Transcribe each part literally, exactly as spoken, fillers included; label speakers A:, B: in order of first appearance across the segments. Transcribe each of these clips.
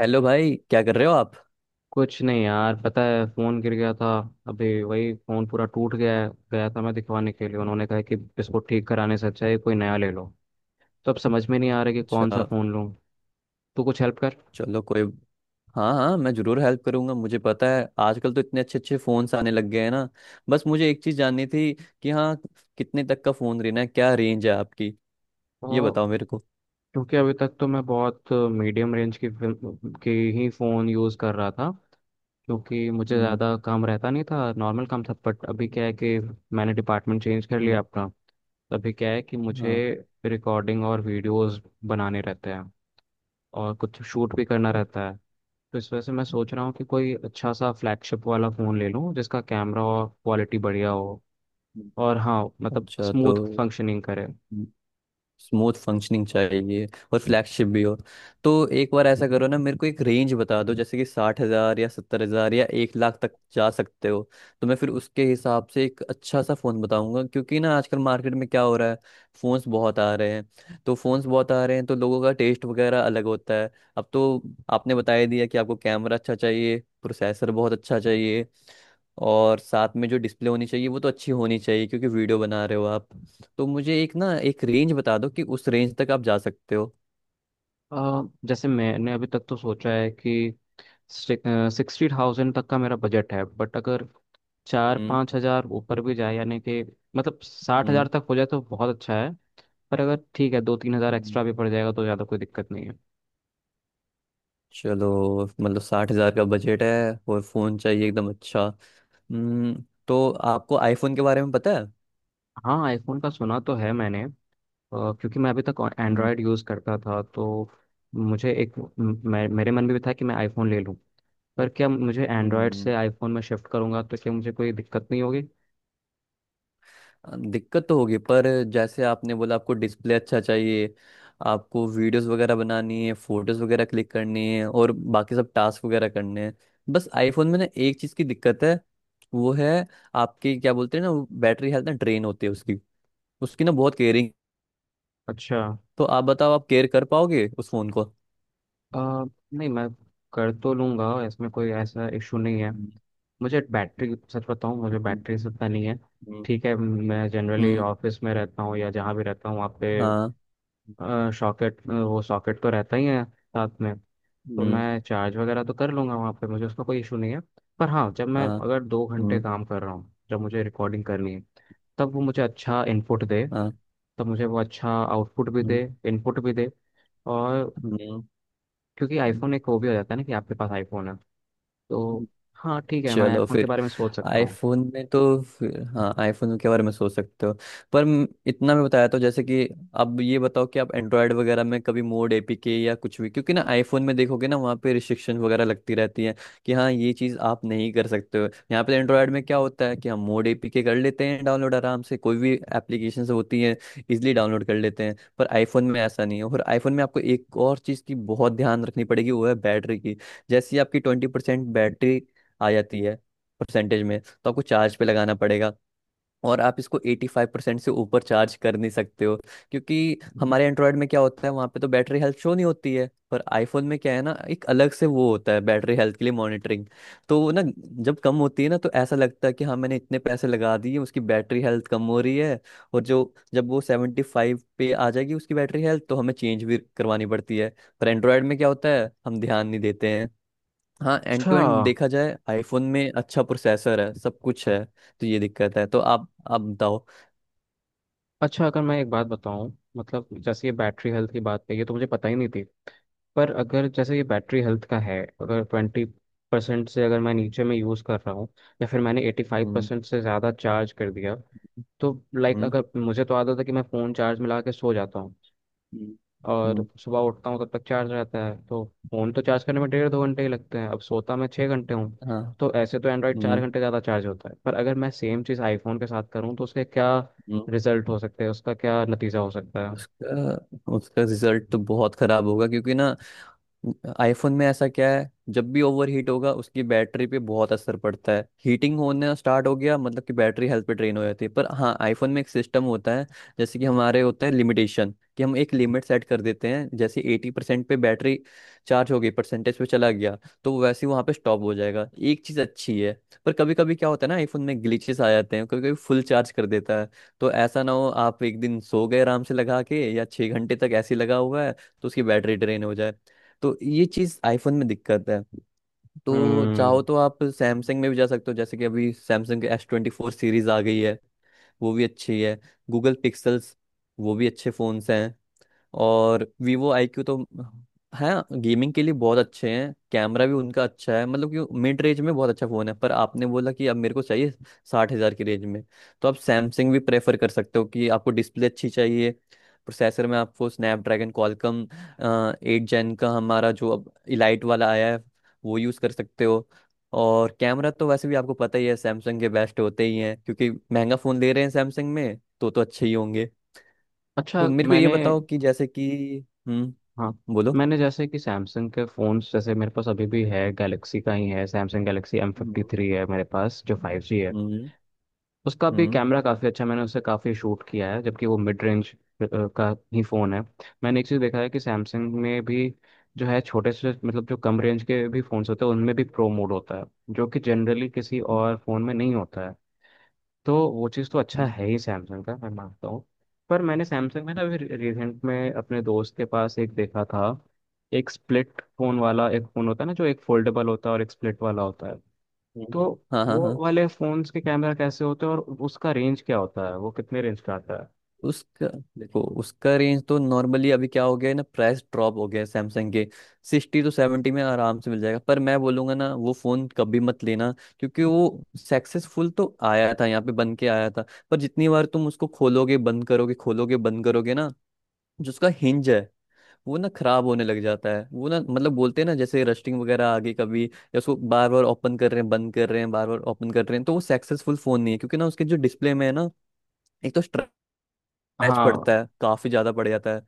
A: Hello भाई, क्या कर रहे हो आप?
B: कुछ नहीं यार। पता है फोन गिर गया था। अभी वही फोन पूरा टूट गया है गया था। मैं दिखवाने के लिए, उन्होंने कहा कि इसको ठीक कराने से अच्छा है कोई नया ले लो। तो अब समझ में नहीं आ रहा कि कौन सा
A: अच्छा।
B: फोन लूँ। तू कुछ हेल्प कर।
A: चलो, कोई। हाँ हाँ, मैं जरूर हेल्प करूंगा। मुझे पता है आजकल तो इतने अच्छे अच्छे फ़ोन्स आने लग गए हैं ना। बस मुझे एक चीज़ जाननी थी कि हाँ, कितने तक का फ़ोन लेना है, क्या रेंज है आपकी? ये
B: और
A: बताओ मेरे को।
B: क्योंकि अभी तक तो मैं बहुत मीडियम रेंज की फिल्म के ही फ़ोन यूज़ कर रहा था। क्योंकि मुझे
A: हम्म।
B: ज़्यादा काम रहता नहीं था, नॉर्मल काम था। बट अभी क्या है कि मैंने डिपार्टमेंट चेंज कर
A: हम्म।
B: लिया अपना। तो अभी क्या है कि मुझे
A: हाँ।
B: रिकॉर्डिंग और वीडियोस बनाने रहते हैं और कुछ शूट भी करना
A: अ-
B: रहता है। तो इस वजह से मैं सोच रहा हूँ कि कोई अच्छा सा फ्लैगशिप वाला फ़ोन ले लूँ जिसका कैमरा और क्वालिटी बढ़िया हो।
A: हम्म।
B: और हाँ, मतलब
A: अच्छा, तो
B: स्मूथ फंक्शनिंग करे।
A: स्मूथ फंक्शनिंग चाहिए और फ्लैगशिप भी हो, तो एक बार ऐसा करो ना, मेरे को एक रेंज बता दो, जैसे कि साठ हज़ार या सत्तर हज़ार या एक लाख तक जा सकते हो। तो मैं फिर उसके हिसाब से एक अच्छा सा फ़ोन बताऊंगा, क्योंकि ना आजकल मार्केट में क्या हो रहा है, फ़ोन्स बहुत आ रहे हैं तो फ़ोन्स बहुत आ रहे हैं, तो लोगों का टेस्ट वगैरह अलग होता है। अब तो आपने बता ही दिया कि आपको कैमरा अच्छा चाहिए, प्रोसेसर बहुत अच्छा चाहिए, और साथ में जो डिस्प्ले होनी चाहिए वो तो अच्छी होनी चाहिए, क्योंकि वीडियो बना रहे हो आप। तो मुझे एक ना एक रेंज बता दो कि उस रेंज तक आप जा सकते हो।
B: अ, जैसे मैंने अभी तक तो सोचा है कि सिक्सटी थाउजेंड तक का मेरा बजट है। बट अगर चार
A: हम्म।
B: पाँच हज़ार ऊपर भी जाए, यानी कि मतलब साठ
A: हम्म।
B: हज़ार तक हो जाए तो बहुत अच्छा है। पर अगर ठीक है, दो तीन हज़ार
A: हम्म।
B: एक्स्ट्रा भी पड़ जाएगा तो ज़्यादा कोई दिक्कत नहीं है।
A: चलो, मतलब साठ हजार का बजट है, और फोन चाहिए एकदम अच्छा। हम्म। तो आपको आईफोन के बारे में पता है?
B: हाँ, आईफोन का सुना तो है मैंने। अ, क्योंकि मैं अभी तक
A: हम्म।
B: एंड्रॉयड यूज़ करता था। तो मुझे एक म- मे- मेरे मन में भी था कि मैं आईफोन ले लूं। पर क्या, मुझे एंड्रॉयड
A: हम्म।
B: से आईफोन में शिफ्ट करूंगा तो क्या मुझे कोई दिक्कत नहीं होगी?
A: अ, दिक्कत तो होगी, पर जैसे आपने बोला, आपको डिस्प्ले अच्छा चाहिए, आपको वीडियोस वगैरह बनानी है, फोटोज वगैरह क्लिक करनी है और बाकी सब टास्क वगैरह करने हैं। बस आईफोन में ना एक चीज़ की दिक्कत है, वो है आपकी, क्या बोलते हैं ना, बैटरी हेल्थ ना ड्रेन होती है उसकी। उसकी ना बहुत केयरिंग।
B: अच्छा।
A: तो आप बताओ, आप केयर कर पाओगे उस फोन को?
B: अ, नहीं, मैं कर तो लूंगा, इसमें कोई ऐसा इशू नहीं है।
A: हम्म।
B: मुझे बैटरी, सच बताऊं, मुझे बैटरी से इतना नहीं है।
A: हम्म।
B: ठीक है, मैं जनरली
A: हम्म।
B: ऑफिस में रहता हूँ या जहाँ भी रहता हूँ वहाँ पे
A: हाँ।
B: सॉकेट, वो सॉकेट तो रहता ही है साथ में। तो
A: हम्म।
B: मैं चार्ज वगैरह तो कर लूंगा वहाँ पे, मुझे उसका कोई इशू नहीं है। पर हाँ, जब मैं
A: हाँ।
B: अगर दो घंटे
A: हम्म।
B: काम कर रहा हूँ, जब मुझे रिकॉर्डिंग करनी है, तब वो मुझे अच्छा इनपुट दे,
A: हाँ।
B: तब मुझे वो अच्छा आउटपुट भी
A: हम्म।
B: दे, इनपुट भी दे। और
A: हम्म।
B: क्योंकि
A: हम्म।
B: आईफोन एक वो भी हो जाता है ना कि आपके पास आईफोन है। तो हाँ, ठीक है, मैं
A: चलो
B: आईफोन के
A: फिर,
B: बारे में सोच सकता हूँ।
A: आईफोन में, तो फिर हाँ, आईफोन के बारे में सोच सकते हो। पर म- इतना मैं बताया, तो जैसे कि अब ये बताओ कि आप एंड्रॉयड वगैरह में कभी मोड एपीके या कुछ भी, क्योंकि ना आईफोन में देखोगे ना, वहाँ पे रिस्ट्रिक्शन वगैरह लगती रहती है कि हाँ, ये चीज़ आप नहीं कर सकते हो। यहाँ पे एंड्रॉयड में क्या होता है कि हम मोड एपीके कर लेते हैं डाउनलोड, आराम से कोई भी एप्लीकेशन होती है इजिली डाउनलोड कर लेते हैं, पर आईफोन में ऐसा नहीं है। और आईफोन में आपको एक और चीज़ की बहुत ध्यान रखनी पड़ेगी, वो है बैटरी की। जैसे ही आपकी ट्वेंटी परसेंट बैटरी आ जाती है परसेंटेज में, तो आपको चार्ज पे लगाना पड़ेगा, और आप इसको एटी फाइव परसेंट से ऊपर चार्ज कर नहीं सकते हो, क्योंकि हमारे एंड्रॉयड में क्या होता है, वहाँ पे तो बैटरी हेल्थ शो नहीं होती है, पर आईफोन में क्या है ना, एक अलग से वो होता है बैटरी हेल्थ के लिए मॉनिटरिंग। तो वो ना, जब कम होती है ना, तो ऐसा लगता है कि हाँ, मैंने इतने पैसे लगा दिए, उसकी बैटरी हेल्थ कम हो रही है। और जो जब वो सेवेंटी फाइव पे आ जाएगी उसकी बैटरी हेल्थ, तो हमें चेंज भी करवानी पड़ती है। पर एंड्रॉयड में क्या होता है, हम ध्यान नहीं देते हैं। हाँ, एंड
B: अच्छा।
A: टू एंड देखा जाए, आईफोन में अच्छा प्रोसेसर है, सब कुछ है, तो ये दिक्कत है। तो आप आप बताओ।
B: अच्छा, अगर मैं एक बात बताऊँ, मतलब जैसे ये बैटरी हेल्थ की बात है, ये तो मुझे पता ही नहीं थी। पर अगर जैसे ये बैटरी हेल्थ का है, अगर ट्वेंटी परसेंट से अगर मैं नीचे में यूज़ कर रहा हूँ, या फिर मैंने एटी फाइव
A: हम्म।
B: परसेंट से ज़्यादा चार्ज कर दिया। तो लाइक,
A: हम्म।
B: अगर मुझे तो आदत है कि मैं फ़ोन चार्ज में लगा के सो जाता हूँ
A: हम्म।
B: और
A: हम्म।
B: सुबह उठता हूँ तब तक चार्ज रहता है। तो फ़ोन तो चार्ज करने में डेढ़ दो घंटे ही लगते हैं। अब सोता मैं छः घंटे हूँ।
A: हाँ।
B: तो ऐसे तो एंड्रॉयड चार
A: हम्म।
B: घंटे ज़्यादा चार्ज होता है। पर अगर मैं सेम चीज़ आईफोन के साथ करूँ तो उसके क्या
A: हम्म।
B: रिजल्ट हो सकते हैं, उसका क्या नतीजा हो सकता है?
A: उसका उसका रिजल्ट तो बहुत खराब होगा, क्योंकि ना आईफोन में ऐसा क्या है, जब भी ओवर हीट होगा उसकी बैटरी पे बहुत असर पड़ता है। हीटिंग होने स्टार्ट हो गया मतलब कि बैटरी हेल्थ पे ड्रेन हो जाती है। पर हाँ, आईफोन में एक सिस्टम होता है, जैसे कि हमारे होता है लिमिटेशन, कि हम एक लिमिट सेट कर देते हैं, जैसे एटी परसेंट पे बैटरी चार्ज हो गई परसेंटेज पे, चला गया, तो वो वैसे ही वहाँ पे स्टॉप हो जाएगा, एक चीज़ अच्छी है। पर कभी कभी क्या होता है ना, आईफोन में ग्लिचेस आ जाते हैं, कभी कभी फुल चार्ज कर देता है। तो ऐसा ना हो, आप एक दिन सो गए आराम से लगा के, या छः घंटे तक ऐसे ही लगा हुआ है, तो उसकी बैटरी ड्रेन हो जाए। तो ये चीज़ आईफोन में दिक्कत है। तो चाहो
B: हम्म,
A: तो आप सैमसंग में भी जा सकते हो, जैसे कि अभी सैमसंग के एस ट्वेंटी फोर सीरीज आ गई है, वो भी अच्छी है। गूगल पिक्सल्स, वो भी अच्छे फोन्स हैं। और वीवो आई क्यू, तो हाँ, गेमिंग के लिए बहुत अच्छे हैं, कैमरा भी उनका अच्छा है, मतलब कि मिड रेंज में बहुत अच्छा फ़ोन है। पर आपने बोला कि अब मेरे को चाहिए साठ हज़ार की रेंज में। तो आप सैमसंग भी प्रेफर कर सकते हो, कि आपको डिस्प्ले अच्छी चाहिए, प्रोसेसर में आपको स्नैपड्रैगन क्वालकॉम एट जेन का हमारा जो अब इलाइट वाला आया है वो यूज़ कर सकते हो। और कैमरा तो वैसे भी आपको पता ही है, सैमसंग के बेस्ट होते ही हैं, क्योंकि महंगा फ़ोन ले रहे हैं सैमसंग में, तो तो अच्छे ही होंगे।
B: अच्छा।
A: तो मेरे को ये
B: मैंने
A: बताओ कि जैसे कि हम्म।
B: हाँ,
A: बोलो।
B: मैंने जैसे कि सैमसंग के फ़ोन्स, जैसे मेरे पास अभी भी है, गैलेक्सी का ही है, सैमसंग गैलेक्सी एम फिफ्टी
A: हम्म।
B: थ्री है मेरे पास, जो फाइव जी है।
A: हम्म।
B: उसका भी
A: हम्म।
B: कैमरा काफ़ी अच्छा, मैंने उससे काफ़ी शूट किया है, जबकि वो मिड रेंज का ही फ़ोन है। मैंने एक चीज़ देखा है कि सैमसंग में भी जो है, छोटे से मतलब जो कम रेंज के भी फ़ोन्स होते हैं उनमें भी प्रो मोड होता है, जो कि जनरली किसी और फ़ोन में नहीं होता है। तो वो चीज़ तो अच्छा
A: हम्म।
B: है ही सैमसंग का, मैं मानता हूँ। पर मैंने सैमसंग में ना अभी रिसेंट में अपने दोस्त के पास एक देखा था, एक स्प्लिट फोन वाला। एक फोन होता है ना जो एक फोल्डेबल होता है और एक स्प्लिट वाला होता है। तो
A: हम्म। हाँ हाँ
B: वो
A: हाँ।
B: वाले फोन्स के कैमरा कैसे होते हैं, और उसका रेंज क्या होता है, वो कितने रेंज का आता है?
A: उसका देखो, उसका रेंज तो नॉर्मली, अभी क्या हो गया है ना, प्राइस ड्रॉप हो गया है सैमसंग के, सिक्सटी टू सेवेंटी में आराम से मिल जाएगा। पर मैं बोलूंगा ना, वो फ़ोन कभी मत लेना, क्योंकि वो सक्सेसफुल तो आया था, यहाँ पे बन के आया था, पर जितनी बार तुम उसको खोलोगे बंद करोगे खोलोगे बंद करोगे ना, जो उसका हिंज है वो ना खराब होने लग जाता है। वो ना, मतलब बोलते हैं ना, जैसे रस्टिंग वगैरह आ गई कभी, या उसको बार बार ओपन कर रहे हैं बंद कर रहे हैं बार बार ओपन कर रहे हैं, तो वो सक्सेसफुल फोन नहीं है, क्योंकि ना उसके जो डिस्प्ले में है ना, एक तो स्क्रैच
B: हाँ,
A: पड़ता है, काफी ज्यादा पड़ जाता है,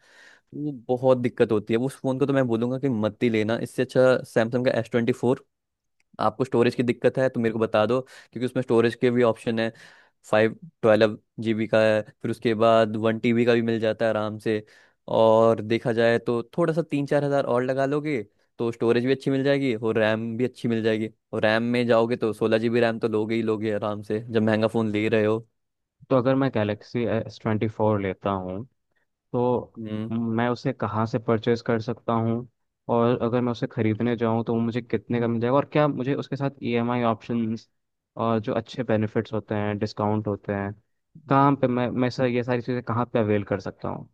A: वो बहुत दिक्कत होती है उस फोन को। तो मैं बोलूंगा कि मत ही लेना। इससे अच्छा सैमसंग का एस ट्वेंटी। आपको स्टोरेज की दिक्कत है तो मेरे को बता दो, क्योंकि उसमें स्टोरेज के भी ऑप्शन है, फाइव ट्वेल्व जीबी का है, फिर उसके बाद वन टीबी का भी मिल जाता है आराम से। और देखा जाए तो थोड़ा सा तीन चार हज़ार और लगा लोगे, तो स्टोरेज भी अच्छी मिल जाएगी और रैम भी अच्छी मिल जाएगी, और रैम में जाओगे तो सोलह जीबी रैम तो लोगे ही लोगे आराम से, जब महंगा फ़ोन ले रहे हो।
B: तो अगर मैं गैलेक्सी एस ट्वेंटी फोर लेता हूँ तो
A: हम्म।
B: मैं उसे कहाँ से परचेज कर सकता हूँ, और अगर मैं उसे खरीदने जाऊँ तो वो मुझे कितने का मिल जाएगा, और क्या मुझे उसके साथ ई एम आई ऑप्शंस और जो अच्छे बेनिफिट्स होते हैं, डिस्काउंट होते हैं,
A: हम्म।
B: कहाँ पे मैं मैं सर, ये सारी चीज़ें कहाँ पे अवेल कर सकता हूँ?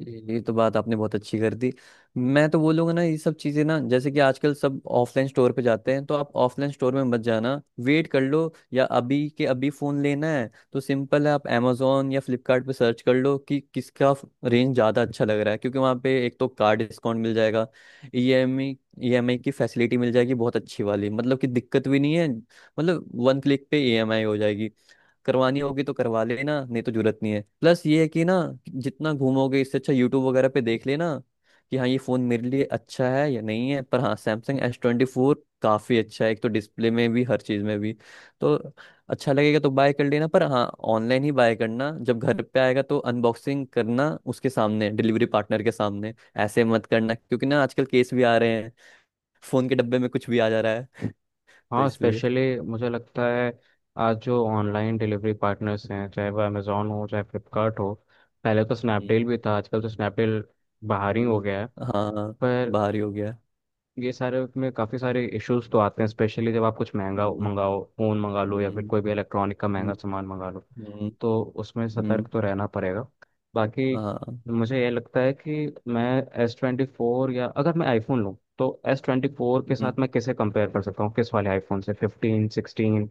A: ये ये तो बात आपने बहुत अच्छी कर दी। मैं तो बोलूंगा ना, ये सब चीजें ना, जैसे कि आजकल सब ऑफलाइन स्टोर पे जाते हैं, तो आप ऑफलाइन स्टोर में मत जाना, वेट कर लो, या अभी के अभी फोन लेना है तो सिंपल है, आप amazon या फ्लिपकार्ट पे सर्च कर लो कि किसका रेंज ज्यादा अच्छा लग रहा है। क्योंकि वहाँ पे एक तो कार डिस्काउंट मिल जाएगा, E M E E M I की फैसिलिटी मिल जाएगी बहुत अच्छी वाली, मतलब कि दिक्कत भी नहीं है, मतलब वन क्लिक पे ई एम आई हो जाएगी। करवानी होगी तो करवा लेना, नहीं तो जरूरत नहीं है। प्लस ये है कि ना, जितना घूमोगे इससे अच्छा यूट्यूब वगैरह पे देख लेना कि हाँ, ये फ़ोन मेरे लिए अच्छा है या नहीं है। पर हाँ, सैमसंग एस ट्वेंटी फोर काफ़ी अच्छा है, एक तो डिस्प्ले में भी, हर चीज़ में भी, तो अच्छा लगेगा तो बाय कर लेना। पर हाँ, ऑनलाइन ही बाय करना, जब घर पे आएगा तो अनबॉक्सिंग करना उसके सामने, डिलीवरी पार्टनर के सामने। ऐसे मत करना, क्योंकि ना आजकल केस भी आ रहे हैं, फ़ोन के डब्बे में कुछ भी आ जा रहा है, तो
B: हाँ,
A: इसलिए।
B: स्पेशली मुझे लगता है आज जो ऑनलाइन डिलीवरी पार्टनर्स हैं, चाहे वो अमेज़ोन हो चाहे फ्लिपकार्ट हो, पहले तो
A: हम्म।
B: स्नैपडील भी था, आजकल तो स्नैपडील बाहर ही हो
A: हम्म।
B: गया है।
A: हाँ,
B: पर
A: बाहर ही हो गया।
B: ये सारे में काफ़ी सारे इश्यूज तो आते हैं, स्पेशली जब आप कुछ महंगा
A: हम्म।
B: मंगाओ, फ़ोन मंगा लो या फिर
A: हम्म।
B: कोई भी इलेक्ट्रॉनिक का
A: हम्म।
B: महंगा सामान मंगा लो,
A: हम्म।
B: तो उसमें सतर्क
A: हम्म।
B: तो रहना पड़ेगा। बाकी
A: हाँ।
B: मुझे ये लगता है कि मैं एस ट्वेंटी फोर, या अगर मैं आईफोन लूँ तो एस ट्वेंटी फोर के
A: हम्म।
B: साथ मैं किसे कंपेयर कर सकता हूँ, किस वाले आईफोन से, फिफ्टीन, सिक्सटीन,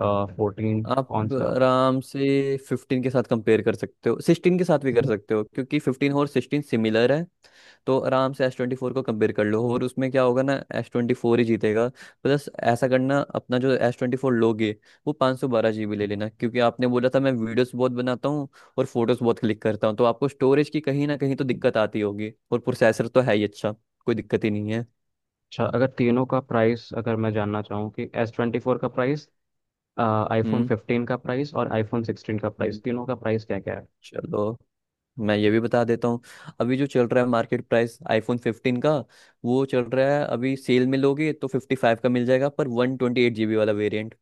B: फोर्टीन,
A: आप
B: कौन सा?
A: आराम से फिफ्टीन के साथ कंपेयर कर सकते हो, सिक्सटीन के साथ भी कर सकते हो, क्योंकि फिफ्टीन और सिक्सटीन सिमिलर है। तो आराम से एस ट्वेंटी फोर को कंपेयर कर लो, और उसमें क्या होगा ना, एस ट्वेंटी फोर ही जीतेगा। प्लस ऐसा करना, अपना जो एस ट्वेंटी फोर लोगे वो पाँच सौ बारह जी बी ले लेना, क्योंकि आपने बोला था मैं वीडियोस बहुत बनाता हूँ और फोटोज बहुत क्लिक करता हूँ, तो आपको स्टोरेज की कहीं ना कहीं तो दिक्कत आती होगी, और प्रोसेसर तो है ही अच्छा, कोई दिक्कत ही नहीं है।
B: अच्छा, अगर तीनों का प्राइस अगर मैं जानना चाहूँ कि एस ट्वेंटी फोर का प्राइस, आईफोन
A: हम्म।
B: फिफ्टीन का प्राइस और आईफोन सिक्सटीन का
A: हम्म।
B: प्राइस, तीनों का प्राइस क्या क्या
A: चलो, मैं ये भी बता देता हूँ। अभी जो चल रहा है मार्केट प्राइस, आईफोन फिफ्टीन का वो चल रहा है, अभी सेल में लोगे तो फिफ्टी फाइव का मिल जाएगा, पर वन ट्वेंटी एट जीबी वाला वेरिएंट।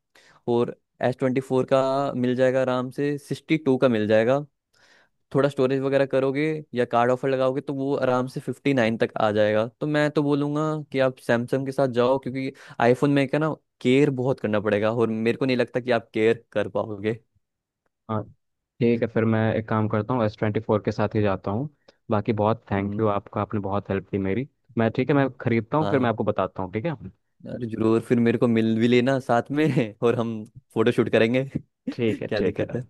A: और एस ट्वेंटी फोर का मिल जाएगा आराम से सिक्सटी टू का मिल जाएगा, थोड़ा स्टोरेज वगैरह करोगे या कार्ड ऑफर लगाओगे तो वो आराम से फिफ्टी नाइन तक आ जाएगा। तो मैं तो बोलूँगा कि आप सैमसंग के साथ जाओ, क्योंकि आईफोन में क्या ना, केयर बहुत करना पड़ेगा, और मेरे को नहीं लगता कि आप केयर कर पाओगे।
B: है? ठीक है, फिर मैं एक काम करता हूँ, एस ट्वेंटी फोर के साथ ही जाता हूँ। बाकी बहुत थैंक
A: हम्म।
B: यू आपका, आपने बहुत हेल्प की मेरी। मैं ठीक है, मैं खरीदता हूँ, फिर मैं
A: हाँ,
B: आपको बताता हूँ। ठीक है।
A: अरे जरूर, फिर मेरे को मिल भी लेना साथ में। और हम फोटो शूट करेंगे।
B: ठीक है।
A: क्या
B: ठीक है,
A: दिक्कत है?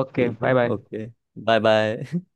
B: ओके, बाय
A: है,
B: बाय।
A: Okay, bye bye.